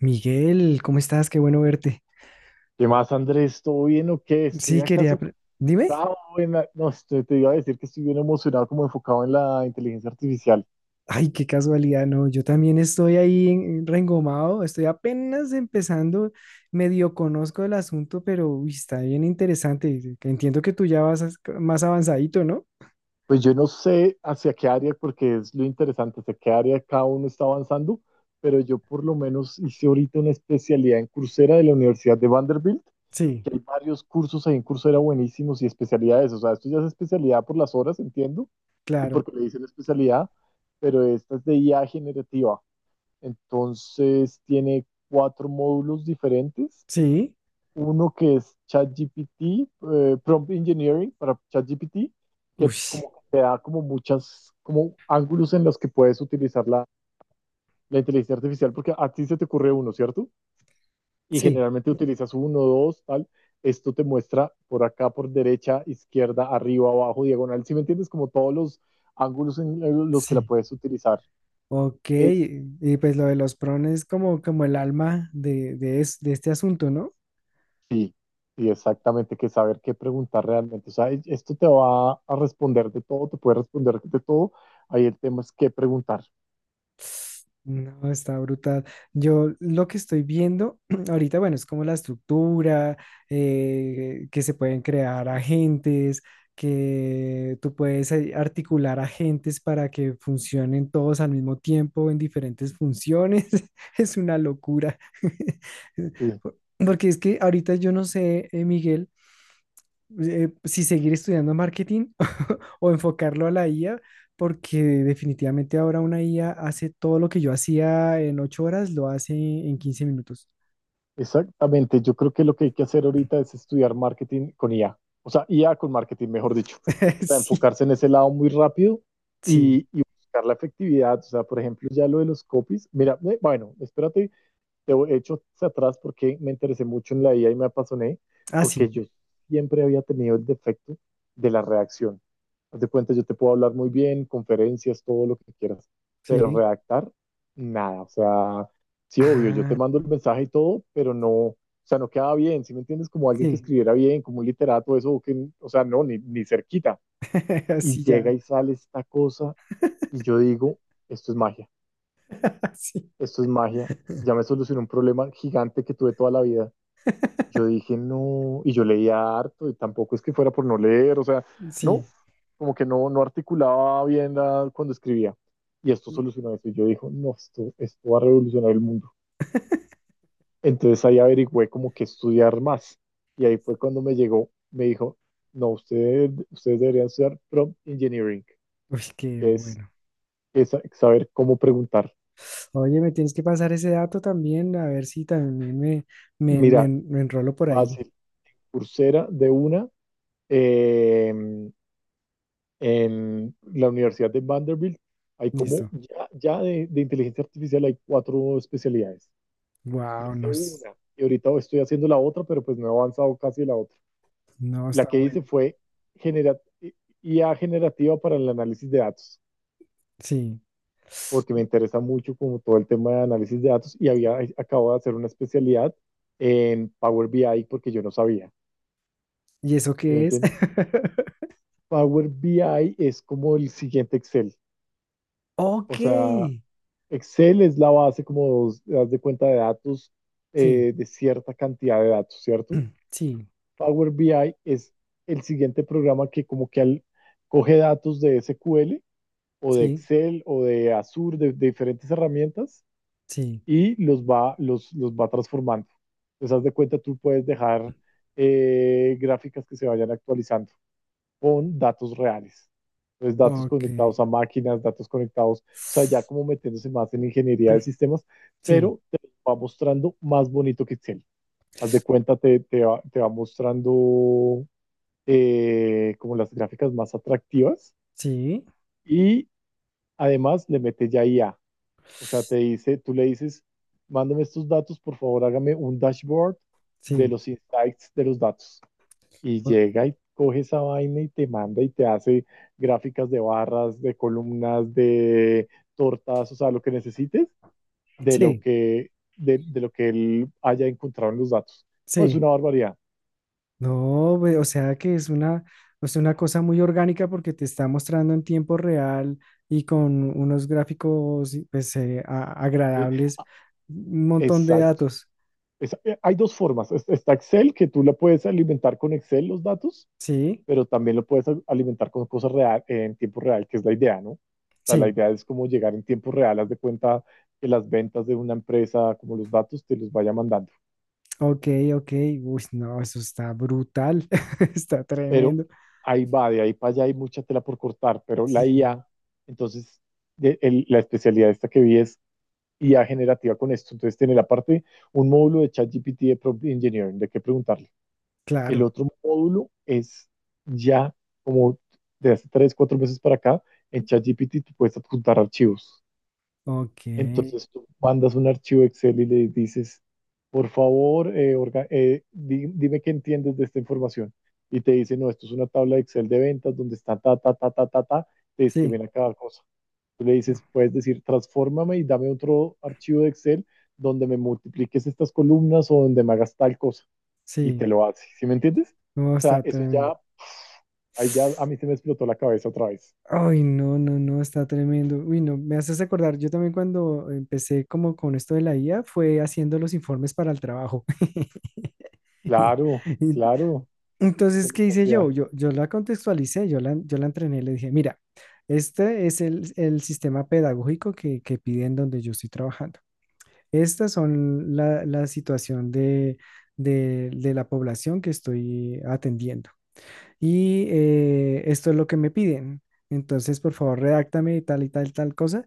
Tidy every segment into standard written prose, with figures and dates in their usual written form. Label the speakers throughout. Speaker 1: Miguel, ¿cómo estás? Qué bueno verte.
Speaker 2: ¿Qué más, Andrés? ¿Todo bien o qué? Estoy
Speaker 1: Sí,
Speaker 2: acá súper
Speaker 1: dime.
Speaker 2: enfocado en no, te iba a decir que estoy bien emocionado, como enfocado en la inteligencia artificial.
Speaker 1: Ay, qué casualidad, no. Yo también estoy ahí reengomado, estoy apenas empezando, medio conozco el asunto, pero uy, está bien interesante. Que Entiendo que tú ya vas más avanzadito, ¿no?
Speaker 2: Pues yo no sé hacia qué área, porque es lo interesante, hacia qué área cada uno está avanzando, pero yo por lo menos hice ahorita una especialidad en Coursera de la Universidad de Vanderbilt,
Speaker 1: Sí,
Speaker 2: que hay varios cursos ahí en Coursera buenísimos y especialidades. O sea, esto ya es especialidad por las horas, entiendo, y
Speaker 1: claro.
Speaker 2: porque le dicen especialidad, pero esta es de IA generativa. Entonces tiene 4 módulos diferentes.
Speaker 1: Sí.
Speaker 2: Uno que es ChatGPT, Prompt Engineering para ChatGPT, que
Speaker 1: Uy,
Speaker 2: como que te da como muchas, como ángulos en los que puedes utilizar la inteligencia artificial, porque a ti se te ocurre uno, ¿cierto? Y
Speaker 1: sí,
Speaker 2: generalmente utilizas uno, dos, tal. Esto te muestra por acá, por derecha, izquierda, arriba, abajo, diagonal. Si me entiendes, como todos los ángulos en los que la
Speaker 1: sí.
Speaker 2: puedes utilizar.
Speaker 1: Ok,
Speaker 2: Es,
Speaker 1: y pues lo de los prones es como el alma de este asunto, ¿no?
Speaker 2: Sí, sí, exactamente, que saber qué preguntar realmente. O sea, esto te va a responder de todo, te puede responder de todo. Ahí el tema es qué preguntar.
Speaker 1: No, está brutal. Yo lo que estoy viendo ahorita, bueno, es como la estructura, que se pueden crear agentes, que tú puedes articular agentes para que funcionen todos al mismo tiempo en diferentes funciones. Es una locura.
Speaker 2: Sí,
Speaker 1: Porque es que ahorita yo no sé, Miguel, si seguir estudiando marketing o enfocarlo a la IA, porque definitivamente ahora una IA hace todo lo que yo hacía en 8 horas, lo hace en 15 minutos.
Speaker 2: exactamente. Yo creo que lo que hay que hacer ahorita es estudiar marketing con IA. O sea, IA con marketing, mejor dicho. O sea,
Speaker 1: Sí,
Speaker 2: enfocarse en ese lado muy rápido
Speaker 1: sí.
Speaker 2: y buscar la efectividad. O sea, por ejemplo, ya lo de los copies. Mira, bueno, espérate. Te he hecho hacia atrás porque me interesé mucho en la IA y me apasioné,
Speaker 1: Ah,
Speaker 2: porque
Speaker 1: sí,
Speaker 2: yo siempre había tenido el defecto de la redacción. Haz de cuenta, yo te puedo hablar muy bien, conferencias, todo lo que quieras, pero
Speaker 1: sí.
Speaker 2: redactar, nada. O sea, sí, obvio, yo te
Speaker 1: Ah,
Speaker 2: mando el mensaje y todo, pero no, o sea, no queda bien, ¿sí me entiendes? Como alguien que
Speaker 1: sí.
Speaker 2: escribiera bien, como un literato, eso, o que, o sea, no, ni, ni cerquita. Y
Speaker 1: Sí,
Speaker 2: llega
Speaker 1: ya.
Speaker 2: y sale esta cosa y yo digo, esto es magia,
Speaker 1: Sí,
Speaker 2: esto es magia, ya me solucionó un problema gigante que tuve toda la vida. Yo dije, no, y yo leía harto, y tampoco es que fuera por no leer, o sea, no,
Speaker 1: sí.
Speaker 2: como que no, no articulaba bien cuando escribía. Y esto solucionó eso, y yo dije, no, esto va a revolucionar el mundo. Entonces ahí averigüé como que estudiar más, y ahí fue cuando me llegó, me dijo, no, ustedes deberían estudiar prompt engineering,
Speaker 1: Uy, qué
Speaker 2: que
Speaker 1: bueno.
Speaker 2: es saber cómo preguntar.
Speaker 1: Oye, me tienes que pasar ese dato también, a ver si también me, me, me,
Speaker 2: Mira,
Speaker 1: me enrolo por ahí.
Speaker 2: fácil, Coursera de una, eh, en la Universidad de Vanderbilt hay como,
Speaker 1: Listo.
Speaker 2: ya de inteligencia artificial hay 4 especialidades.
Speaker 1: Wow, no,
Speaker 2: Hice una y ahorita estoy haciendo la otra, pero pues no he avanzado casi la otra.
Speaker 1: no
Speaker 2: La
Speaker 1: está
Speaker 2: que hice
Speaker 1: bueno.
Speaker 2: fue genera- IA generativa para el análisis de datos,
Speaker 1: Sí.
Speaker 2: porque me interesa mucho como todo el tema de análisis de datos y había acabo de hacer una especialidad en Power BI porque yo no sabía.
Speaker 1: ¿Y eso
Speaker 2: ¿Sí me
Speaker 1: qué es?
Speaker 2: entiendes? Power BI es como el siguiente Excel. O
Speaker 1: Ok.
Speaker 2: sea, Excel es la base, como das de cuenta, de datos,
Speaker 1: Sí,
Speaker 2: de cierta cantidad de datos, ¿cierto?
Speaker 1: sí,
Speaker 2: Power BI es el siguiente programa que como que coge datos de SQL o de
Speaker 1: sí,
Speaker 2: Excel o de Azure, de diferentes herramientas,
Speaker 1: sí.
Speaker 2: y los va transformando. Entonces, haz de cuenta, tú puedes dejar gráficas que se vayan actualizando con datos reales. Entonces, datos
Speaker 1: Ok.
Speaker 2: conectados a máquinas, datos conectados, o sea, ya como metiéndose más en ingeniería de sistemas,
Speaker 1: Sí,
Speaker 2: pero te va mostrando más bonito que Excel. Haz de cuenta, te va mostrando como las gráficas más atractivas
Speaker 1: sí,
Speaker 2: y además le mete ya IA. O sea, te dice, tú le dices, mándame estos datos, por favor, hágame un dashboard de
Speaker 1: sí.
Speaker 2: los insights de los datos y
Speaker 1: o-
Speaker 2: llega y coge esa vaina y te manda y te hace gráficas de barras, de columnas, de tortas, o sea, lo que necesites de lo
Speaker 1: Sí,
Speaker 2: que, de lo que él haya encontrado en los datos. No, es
Speaker 1: sí.
Speaker 2: una barbaridad.
Speaker 1: No, o sea que es una, o sea, una cosa muy orgánica porque te está mostrando en tiempo real y con unos gráficos pues,
Speaker 2: ¿Sí?
Speaker 1: agradables, un montón de
Speaker 2: Exacto.
Speaker 1: datos.
Speaker 2: Hay dos formas. Está Excel, que tú la puedes alimentar con Excel los datos,
Speaker 1: Sí,
Speaker 2: pero también lo puedes alimentar con cosas real, en tiempo real, que es la idea, ¿no? O sea, la
Speaker 1: sí.
Speaker 2: idea es como llegar en tiempo real, haz de cuenta que las ventas de una empresa, como los datos, te los vaya mandando.
Speaker 1: Ok, ok. Uy, no, eso está brutal. Está
Speaker 2: Pero
Speaker 1: tremendo.
Speaker 2: ahí va, de ahí para allá hay mucha tela por cortar, pero la
Speaker 1: Sí,
Speaker 2: IA, entonces la especialidad esta que vi es IA generativa con esto, entonces tiene la parte, un módulo de ChatGPT de Prompt Engineering, de qué preguntarle. El
Speaker 1: claro.
Speaker 2: otro módulo es ya como de hace 3, 4 meses para acá, en ChatGPT tú puedes apuntar archivos.
Speaker 1: Ok.
Speaker 2: Entonces tú mandas un archivo Excel y le dices, por favor, dime qué entiendes de esta información. Y te dice, no, esto es una tabla de Excel de ventas donde está ta, ta, ta, ta, ta, ta, te
Speaker 1: Sí,
Speaker 2: escriben a cada cosa. Tú le dices, puedes decir, transfórmame y dame otro archivo de Excel donde me multipliques estas columnas o donde me hagas tal cosa. Y te
Speaker 1: sí.
Speaker 2: lo hace. ¿Sí me entiendes?
Speaker 1: No,
Speaker 2: O sea,
Speaker 1: está
Speaker 2: eso
Speaker 1: tremendo.
Speaker 2: ya, ahí ya a mí se me explotó la cabeza otra vez.
Speaker 1: Ay, no, no, no, está tremendo. Uy, no, me haces acordar. Yo también cuando empecé como con esto de la IA fue haciendo los informes para el trabajo. Y-
Speaker 2: Claro,
Speaker 1: y-
Speaker 2: claro. ¿Que
Speaker 1: Entonces,
Speaker 2: lo
Speaker 1: ¿qué hice yo?
Speaker 2: hacía?
Speaker 1: Yo la contextualicé, yo la entrené, le dije, mira, este es el sistema pedagógico que piden donde yo estoy trabajando. Estas son la situación de la población que estoy atendiendo. Y esto es lo que me piden. Entonces, por favor, redáctame tal y tal, tal cosa.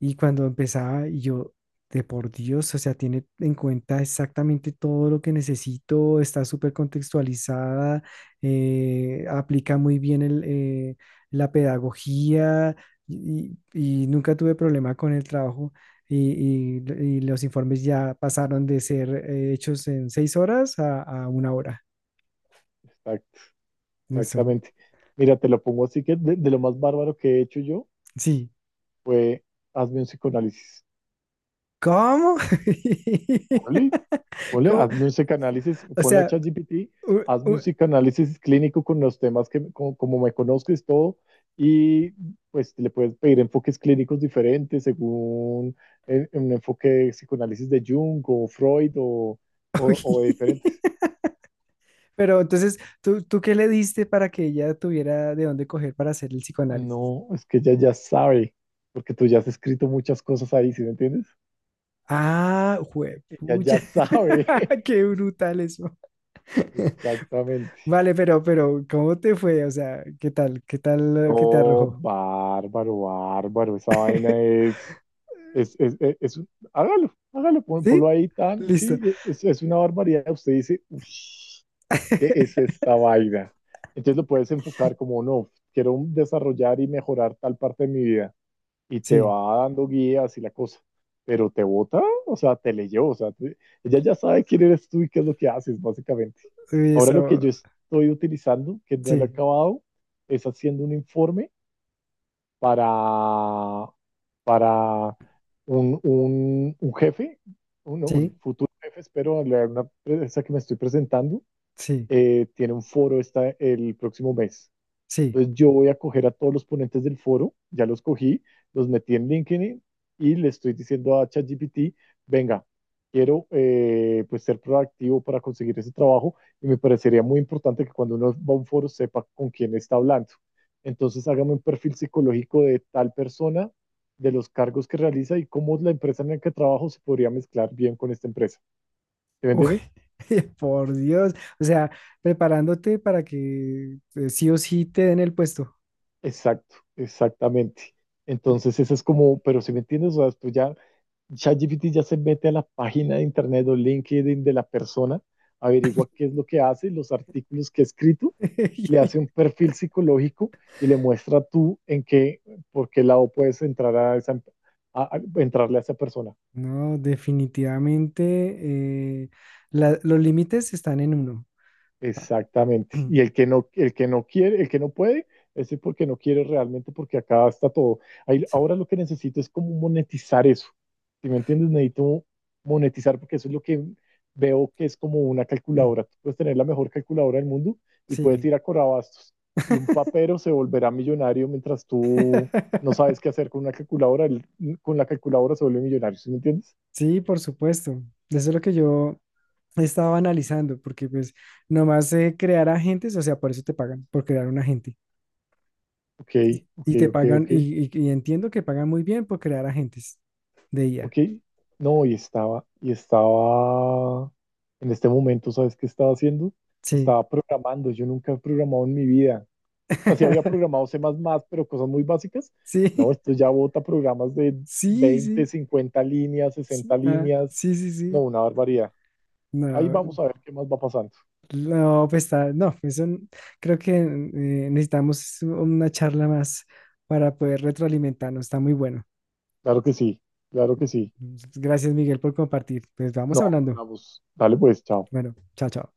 Speaker 1: Y cuando empezaba, y yo, de por Dios, o sea, tiene en cuenta exactamente todo lo que necesito, está súper contextualizada, aplica muy bien la pedagogía y nunca tuve problema con el trabajo. Y, y- y los informes ya pasaron de ser hechos en 6 horas a 1 hora.
Speaker 2: Está.
Speaker 1: Eso,
Speaker 2: Exactamente. Mira, te lo pongo así que de lo más bárbaro que he hecho yo
Speaker 1: sí.
Speaker 2: fue hazme un psicoanálisis.
Speaker 1: ¿Cómo?
Speaker 2: Ponle, ponle,
Speaker 1: ¿Cómo?
Speaker 2: hazme un psicoanálisis,
Speaker 1: O
Speaker 2: ponle a
Speaker 1: sea,
Speaker 2: ChatGPT,
Speaker 1: u-
Speaker 2: hazme un
Speaker 1: u-
Speaker 2: psicoanálisis clínico con los temas que, como, como me conozcas todo, y pues le puedes pedir enfoques clínicos diferentes según un enfoque de psicoanálisis de Jung o Freud
Speaker 1: uy.
Speaker 2: o de diferentes.
Speaker 1: Pero entonces, ¿tú qué le diste para que ella tuviera de dónde coger para hacer el psicoanálisis?
Speaker 2: No, es que ella ya sabe, porque tú ya has escrito muchas cosas ahí, ¿sí me entiendes?
Speaker 1: Ah,
Speaker 2: Ella
Speaker 1: juepucha.
Speaker 2: ya sabe.
Speaker 1: Qué brutal eso.
Speaker 2: Exactamente.
Speaker 1: Vale, pero, ¿cómo te fue? O sea, ¿qué tal? ¿Qué tal lo que te
Speaker 2: No,
Speaker 1: arrojó?
Speaker 2: bárbaro, bárbaro. Esa vaina es hágalo, hágalo, ponlo
Speaker 1: ¿Sí?
Speaker 2: ahí tan,
Speaker 1: Listo.
Speaker 2: sí, es una barbaridad. Usted dice, "Ush, ¿qué es esta vaina? Entonces lo puedes enfocar como, no, quiero desarrollar y mejorar tal parte de mi vida. Y te
Speaker 1: Sí.
Speaker 2: va dando guías y la cosa. Pero te vota, o sea, te leyó, o sea, ella ya sabe quién eres tú y qué es lo que haces, básicamente.
Speaker 1: Uy,
Speaker 2: Ahora lo que
Speaker 1: eso.
Speaker 2: yo estoy utilizando, que no lo he
Speaker 1: Sí.
Speaker 2: acabado, es haciendo un informe para, para un jefe,
Speaker 1: Sí.
Speaker 2: un futuro jefe, espero, una empresa que me estoy presentando,
Speaker 1: Sí.
Speaker 2: tiene un foro esta, el próximo mes.
Speaker 1: Sí.
Speaker 2: Entonces yo voy a coger a todos los ponentes del foro, ya los cogí, los metí en LinkedIn y le estoy diciendo a ChatGPT, venga, quiero pues ser proactivo para conseguir ese trabajo y me parecería muy importante que cuando uno va a un foro sepa con quién está hablando. Entonces hágame un perfil psicológico de tal persona, de los cargos que realiza y cómo la empresa en la que trabajo se podría mezclar bien con esta empresa. ¿Sí me
Speaker 1: Uy,
Speaker 2: entiendes?
Speaker 1: por Dios. O sea, preparándote para que sí o sí te den el puesto.
Speaker 2: Exacto, exactamente. Entonces, eso es como, pero si me entiendes, o sea, esto ya ChatGPT ya se mete a la página de internet o LinkedIn de la persona, averigua qué es lo que hace, los artículos que ha escrito, le hace un perfil psicológico y le muestra tú en qué, por qué lado puedes entrar a esa, entrarle a esa persona.
Speaker 1: No, definitivamente los límites están en uno. Ah,
Speaker 2: Exactamente. Y el que no quiere, el que no puede, ese es porque no quiere realmente, porque acá está todo.
Speaker 1: Sí.
Speaker 2: Ahora lo que necesito es como monetizar eso. Si me entiendes, necesito monetizar porque eso es lo que veo que es como una
Speaker 1: Mm,
Speaker 2: calculadora. Tú puedes tener la mejor calculadora del mundo y puedes
Speaker 1: sí.
Speaker 2: ir a Corabastos y un papero se volverá millonario mientras tú no sabes qué hacer con una calculadora. Él con la calculadora se vuelve millonario. ¿Sí me entiendes?
Speaker 1: Sí, por supuesto. Eso es lo que yo estaba analizando, porque pues nomás crear agentes, o sea, por eso te pagan, por crear un agente.
Speaker 2: Ok,
Speaker 1: Y, y te pagan,
Speaker 2: ok.
Speaker 1: y entiendo que pagan muy bien por crear agentes de IA.
Speaker 2: Ok, no, y estaba, en este momento, ¿sabes qué estaba haciendo?
Speaker 1: Sí.
Speaker 2: Estaba programando, yo nunca he programado en mi vida. Así había programado C++, pero cosas muy básicas. No,
Speaker 1: Sí,
Speaker 2: esto ya bota programas de
Speaker 1: sí,
Speaker 2: 20,
Speaker 1: sí.
Speaker 2: 50 líneas, 60
Speaker 1: Sí, ah,
Speaker 2: líneas.
Speaker 1: sí, sí,
Speaker 2: No,
Speaker 1: sí.
Speaker 2: una barbaridad. Ahí
Speaker 1: No.
Speaker 2: vamos a ver qué más va pasando.
Speaker 1: No, pues está, no, eso creo que necesitamos una charla más para poder retroalimentarnos, está muy bueno.
Speaker 2: Claro que sí, claro que sí.
Speaker 1: Gracias, Miguel, por compartir. Pues vamos
Speaker 2: No,
Speaker 1: hablando.
Speaker 2: hablamos. Dale pues, chao.
Speaker 1: Bueno, chao, chao.